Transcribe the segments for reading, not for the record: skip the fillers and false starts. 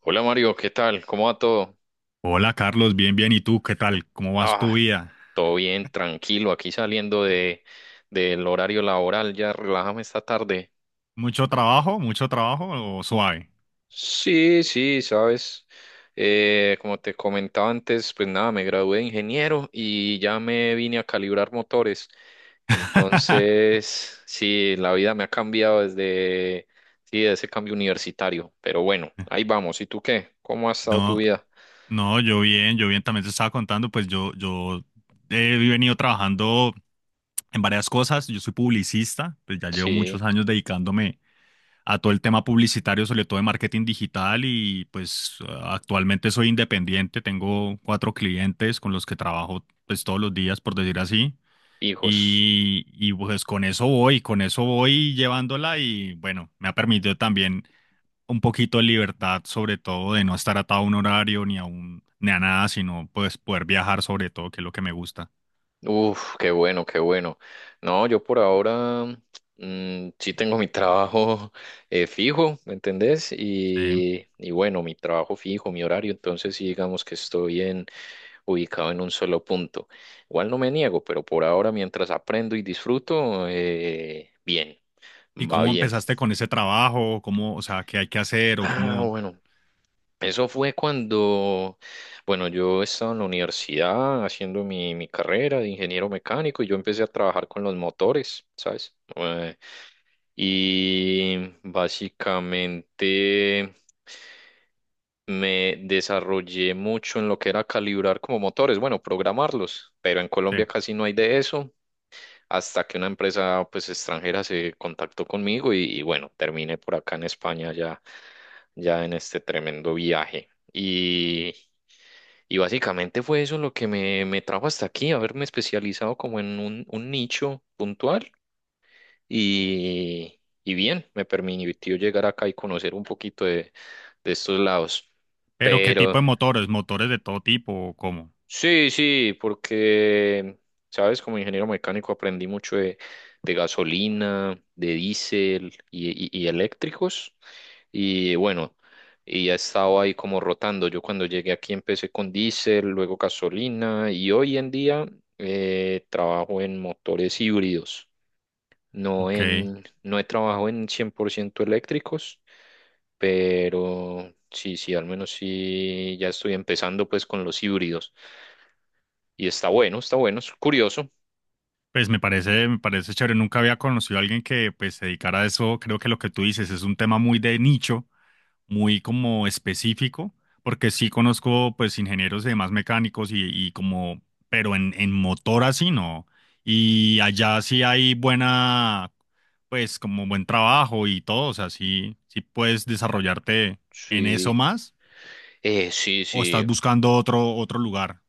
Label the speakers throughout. Speaker 1: Hola Mario, ¿qué tal? ¿Cómo va todo?
Speaker 2: Hola Carlos, bien, bien. ¿Y tú qué tal? ¿Cómo vas tu
Speaker 1: Ah,
Speaker 2: vida?
Speaker 1: todo bien, tranquilo, aquí saliendo de del horario laboral, ya relájame esta tarde.
Speaker 2: ¿Mucho trabajo? ¿Mucho trabajo o suave?
Speaker 1: Sí, sí, sabes, como te comentaba antes, pues nada, me gradué de ingeniero y ya me vine a calibrar motores. Entonces, sí, la vida me ha cambiado desde, sí, de ese cambio universitario, pero bueno, ahí vamos. ¿Y tú qué? ¿Cómo ha estado tu
Speaker 2: No,
Speaker 1: vida?
Speaker 2: no, yo bien, también te estaba contando, pues yo he venido trabajando en varias cosas, yo soy publicista, pues ya llevo
Speaker 1: Sí,
Speaker 2: muchos años dedicándome a todo el tema publicitario, sobre todo de marketing digital y pues actualmente soy independiente, tengo cuatro clientes con los que trabajo pues todos los días, por decir así.
Speaker 1: hijos.
Speaker 2: Y pues con eso voy llevándola y bueno, me ha permitido también un poquito de libertad, sobre todo de no estar atado a un horario ni a un, ni a nada, sino pues poder viajar sobre todo, que es lo que me gusta.
Speaker 1: Uf, qué bueno, qué bueno. No, yo por ahora sí tengo mi trabajo fijo, ¿me entendés?
Speaker 2: Sí.
Speaker 1: Y bueno, mi trabajo fijo, mi horario, entonces sí digamos que estoy en, ubicado en un solo punto. Igual no me niego, pero por ahora mientras aprendo y disfruto, bien,
Speaker 2: ¿Y
Speaker 1: va
Speaker 2: cómo
Speaker 1: bien.
Speaker 2: empezaste con ese trabajo? ¿Cómo, o sea, qué hay que hacer o
Speaker 1: Ah,
Speaker 2: cómo?
Speaker 1: bueno, eso fue cuando, bueno, yo estaba en la universidad haciendo mi carrera de ingeniero mecánico y yo empecé a trabajar con los motores, ¿sabes? Y básicamente me desarrollé mucho en lo que era calibrar como motores, bueno, programarlos, pero en
Speaker 2: Sí.
Speaker 1: Colombia casi no hay de eso, hasta que una empresa pues extranjera se contactó conmigo y bueno, terminé por acá en España ya en este tremendo viaje. Y básicamente fue eso lo que me trajo hasta aquí, haberme especializado como en un nicho puntual y bien, me permitió llegar acá y conocer un poquito de estos lados.
Speaker 2: Pero ¿qué
Speaker 1: Pero
Speaker 2: tipo de motores? ¿Motores de todo tipo o cómo?
Speaker 1: sí, sí, porque, sabes, como ingeniero mecánico aprendí mucho de gasolina, de diésel y eléctricos. Y bueno, y he estado ahí como rotando. Yo cuando llegué aquí empecé con diésel, luego gasolina y hoy en día trabajo en motores híbridos. No
Speaker 2: Ok.
Speaker 1: en, no he trabajado en 100% eléctricos, pero sí, sí, al menos sí, ya estoy empezando pues con los híbridos. Y está bueno, es curioso.
Speaker 2: Pues me parece chévere. Nunca había conocido a alguien que pues se dedicara a eso. Creo que lo que tú dices es un tema muy de nicho muy como específico, porque sí conozco pues ingenieros y demás mecánicos y como, pero en motor así no. Y allá sí hay buena, pues como buen trabajo y todo, o sea, sí, sí puedes desarrollarte en eso
Speaker 1: Sí,
Speaker 2: más
Speaker 1: sí,
Speaker 2: o estás
Speaker 1: sí.
Speaker 2: buscando otro, otro lugar,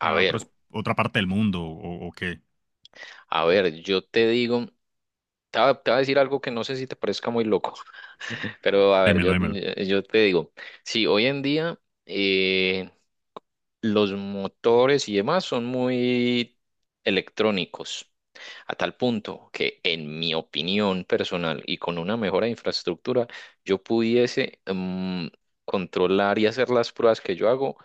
Speaker 2: o sea,
Speaker 1: ver,
Speaker 2: otra parte del mundo o qué.
Speaker 1: a ver, yo te digo, te voy a decir algo que no sé si te parezca muy loco, pero a ver,
Speaker 2: Démelo, démelo.
Speaker 1: yo te digo, sí, hoy en día eh, los motores y demás son muy electrónicos, a tal punto que en mi opinión personal y con una mejora de infraestructura, yo pudiese mm, controlar y hacer las pruebas que yo hago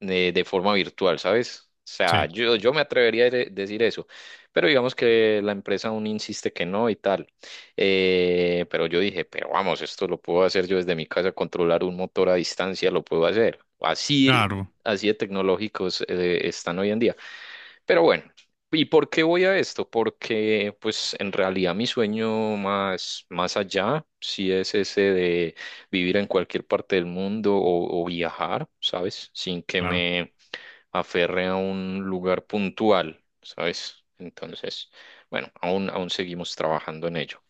Speaker 1: de forma virtual, ¿sabes? O sea,
Speaker 2: Sí,
Speaker 1: yo me atrevería a decir eso, pero digamos que la empresa aún insiste que no y tal. Pero yo dije, pero vamos, esto lo puedo hacer yo desde mi casa, controlar un motor a distancia, lo puedo hacer. Así,
Speaker 2: claro,
Speaker 1: así de tecnológicos están hoy en día. Pero bueno, ¿y por qué voy a esto? Porque pues en realidad mi sueño más, más allá, sí es ese de vivir en cualquier parte del mundo o viajar, ¿sabes? Sin que
Speaker 2: claro.
Speaker 1: me aferre a un lugar puntual, ¿sabes? Entonces, bueno, aún, aún seguimos trabajando en ello.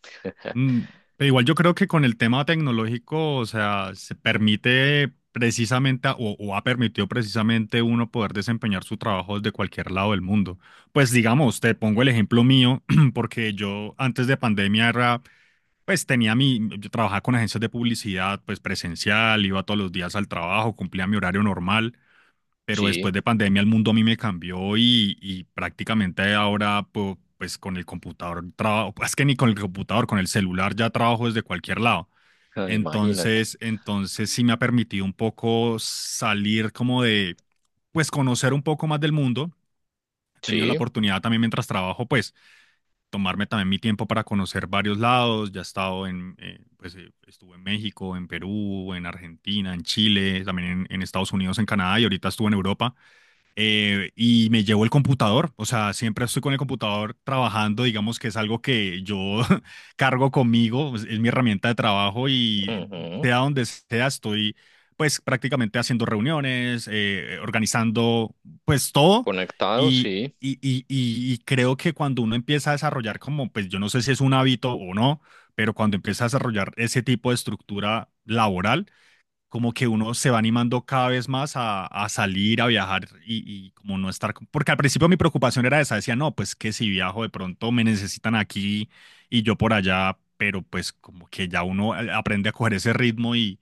Speaker 2: Mm, pero igual yo creo que con el tema tecnológico, o sea, se permite precisamente o ha permitido precisamente uno poder desempeñar su trabajo desde cualquier lado del mundo. Pues digamos, te pongo el ejemplo mío, porque yo antes de pandemia era, pues tenía mi, yo trabajaba con agencias de publicidad, pues presencial, iba todos los días al trabajo, cumplía mi horario normal pero
Speaker 1: Sí,
Speaker 2: después de pandemia el mundo a mí me cambió y prácticamente ahora pues con el computador trabajo, es que ni con el computador, con el celular ya trabajo desde cualquier lado.
Speaker 1: ah, imagínate.
Speaker 2: Entonces sí me ha permitido un poco salir como de, pues conocer un poco más del mundo. He tenido la
Speaker 1: Sí,
Speaker 2: oportunidad también mientras trabajo, pues tomarme también mi tiempo para conocer varios lados. Ya he estado en, pues estuve en México, en Perú, en Argentina, en Chile, también en Estados Unidos, en Canadá y ahorita estuve en Europa y me llevo el computador, o sea, siempre estoy con el computador trabajando, digamos que es algo que yo cargo conmigo, es mi herramienta de trabajo y
Speaker 1: ujú.
Speaker 2: sea donde sea, estoy pues prácticamente haciendo reuniones, organizando pues todo
Speaker 1: Conectado,
Speaker 2: y,
Speaker 1: sí,
Speaker 2: y creo que cuando uno empieza a desarrollar como, pues yo no sé si es un hábito o no, pero cuando empieza a desarrollar ese tipo de estructura laboral, como que uno se va animando cada vez más a salir, a viajar y como no estar, porque al principio mi preocupación era esa, decía, no, pues que si viajo de pronto me necesitan aquí y yo por allá, pero pues como que ya uno aprende a coger ese ritmo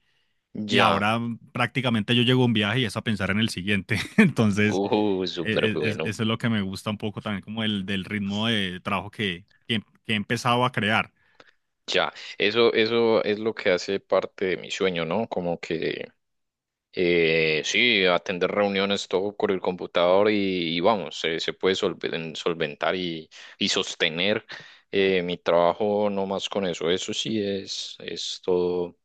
Speaker 2: y
Speaker 1: ya.
Speaker 2: ahora prácticamente yo llego a un viaje y es a pensar en el siguiente, entonces
Speaker 1: Súper bueno.
Speaker 2: eso es lo que me gusta un poco también como el del ritmo de trabajo que he empezado a crear.
Speaker 1: Ya, eso es lo que hace parte de mi sueño, ¿no? Como que sí, atender reuniones todo por el computador y vamos, se puede solventar y sostener mi trabajo no más con eso. Eso sí es todo,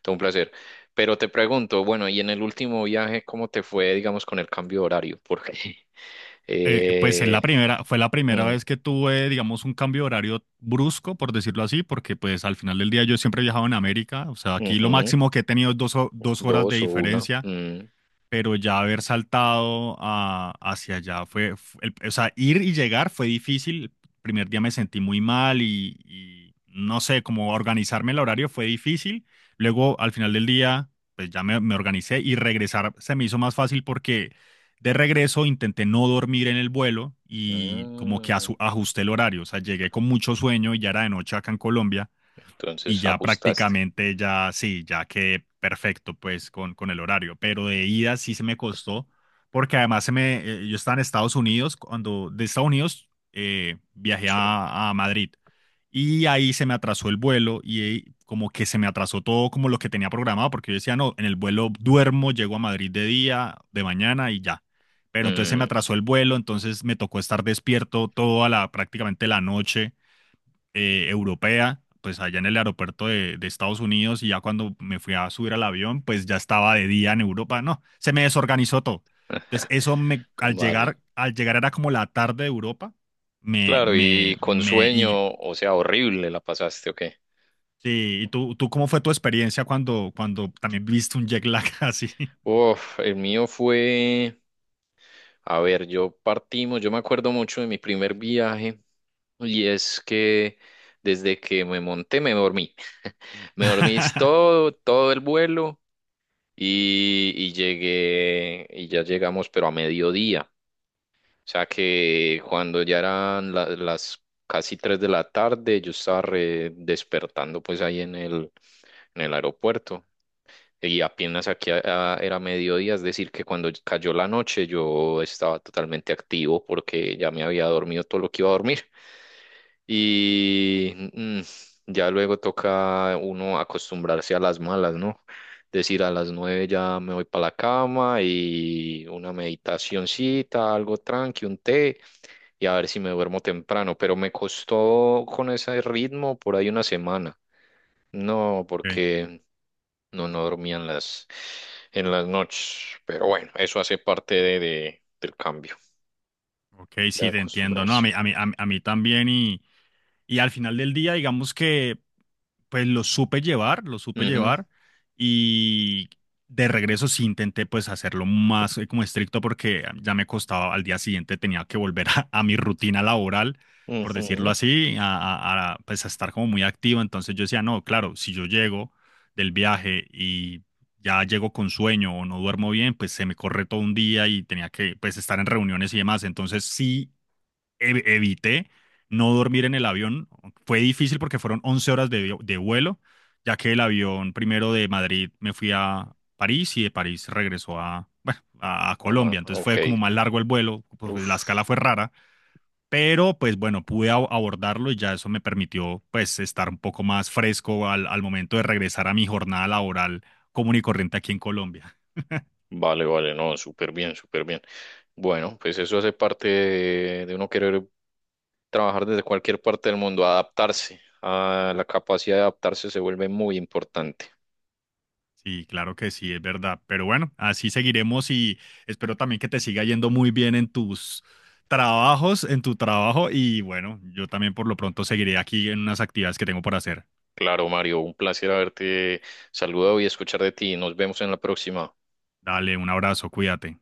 Speaker 1: todo un placer. Pero te pregunto, bueno, y en el último viaje, ¿cómo te fue, digamos, con el cambio de horario? Porque
Speaker 2: Pues es
Speaker 1: eh,
Speaker 2: la primera, fue la primera
Speaker 1: mm,
Speaker 2: vez que tuve, digamos, un cambio de horario brusco, por decirlo así, porque pues al final del día yo siempre he viajado en América, o sea, aquí lo
Speaker 1: ujú,
Speaker 2: máximo que he tenido es 2 horas de
Speaker 1: dos o una.
Speaker 2: diferencia
Speaker 1: Mm,
Speaker 2: pero ya haber saltado hacia allá fue, o sea, ir y llegar fue difícil. El primer día me sentí muy mal y no sé, como organizarme el horario fue difícil. Luego, al final del día, pues ya me organicé y regresar se me hizo más fácil porque de regreso intenté no dormir en el vuelo y como que
Speaker 1: mm,
Speaker 2: ajusté el horario. O sea, llegué con mucho sueño y ya era de noche acá en Colombia. Y
Speaker 1: entonces
Speaker 2: ya
Speaker 1: ajustaste.
Speaker 2: prácticamente ya sí, ya quedé perfecto pues con el horario, pero de ida sí se me costó, porque además se me, yo estaba en Estados Unidos, cuando de Estados Unidos viajé
Speaker 1: Sí.
Speaker 2: a Madrid y ahí se me atrasó el vuelo y ahí como que se me atrasó todo como lo que tenía programado, porque yo decía, no, en el vuelo duermo, llego a Madrid de día, de mañana y ya. Pero entonces se me
Speaker 1: Mm,
Speaker 2: atrasó el vuelo, entonces me tocó estar despierto toda la, prácticamente la noche europea, pues allá en el aeropuerto de Estados Unidos y ya cuando me fui a subir al avión, pues ya estaba de día en Europa, no, se me desorganizó todo. Entonces eso me,
Speaker 1: vale.
Speaker 2: al llegar era como la tarde de Europa, me,
Speaker 1: Claro, y
Speaker 2: me,
Speaker 1: con
Speaker 2: me, y,
Speaker 1: sueño, o sea, horrible la pasaste, ¿o qué?
Speaker 2: sí, ¿y tú cómo fue tu experiencia cuando, cuando también viste un jet lag así?
Speaker 1: Uf, el mío fue, a ver, yo me acuerdo mucho de mi primer viaje y es que desde que me monté me dormí, me dormí es todo, todo el vuelo y llegué, y ya llegamos, pero a mediodía, o sea que cuando ya eran las casi 3 de la tarde, yo estaba despertando pues ahí en el aeropuerto. Y apenas aquí era mediodía, es decir, que cuando cayó la noche yo estaba totalmente activo porque ya me había dormido todo lo que iba a dormir. Y ya luego toca uno acostumbrarse a las malas, ¿no? Decir a las 9 ya me voy para la cama y una meditacioncita, algo tranqui, un té y a ver si me duermo temprano. Pero me costó con ese ritmo por ahí una semana. No,
Speaker 2: Ok,
Speaker 1: porque no dormía en las noches. Pero bueno, eso hace parte de, del cambio,
Speaker 2: ok,
Speaker 1: de
Speaker 2: sí, te entiendo, no, a
Speaker 1: acostumbrarse.
Speaker 2: mí, a mí, a mí a mí también y... Y al final del día, digamos que pues lo supe
Speaker 1: Ujú,
Speaker 2: llevar y de regreso sí intenté pues hacerlo más como estricto porque ya me costaba, al día siguiente tenía que volver a mi rutina laboral, por decirlo
Speaker 1: ujú,
Speaker 2: así, pues a estar como muy activo. Entonces yo decía, no, claro, si yo llego del viaje y ya llego con sueño o no duermo bien, pues se me corre todo un día y tenía que pues estar en reuniones y demás. Entonces sí evité no dormir en el avión. Fue difícil porque fueron 11 horas de, de vuelo, ya que el avión primero de Madrid me fui a París y de París regresó bueno, a
Speaker 1: Mamá,
Speaker 2: Colombia. Entonces
Speaker 1: ok.
Speaker 2: fue como más largo el vuelo, la escala
Speaker 1: Uf,
Speaker 2: fue rara. Pero pues bueno, pude abordarlo y ya eso me permitió pues estar un poco más fresco al, al momento de regresar a mi jornada laboral común y corriente aquí en Colombia.
Speaker 1: vale, vale, no, súper bien, súper bien. Bueno, pues eso hace parte de uno querer trabajar desde cualquier parte del mundo, adaptarse. A la capacidad de adaptarse se vuelve muy importante.
Speaker 2: Sí, claro que sí, es verdad. Pero bueno, así seguiremos y espero también que te siga yendo muy bien en tus trabajos, en tu trabajo. Y bueno, yo también por lo pronto seguiré aquí en unas actividades que tengo por hacer.
Speaker 1: Claro, Mario, un placer haberte saludado y escuchar de ti. Nos vemos en la próxima.
Speaker 2: Dale, un abrazo, cuídate.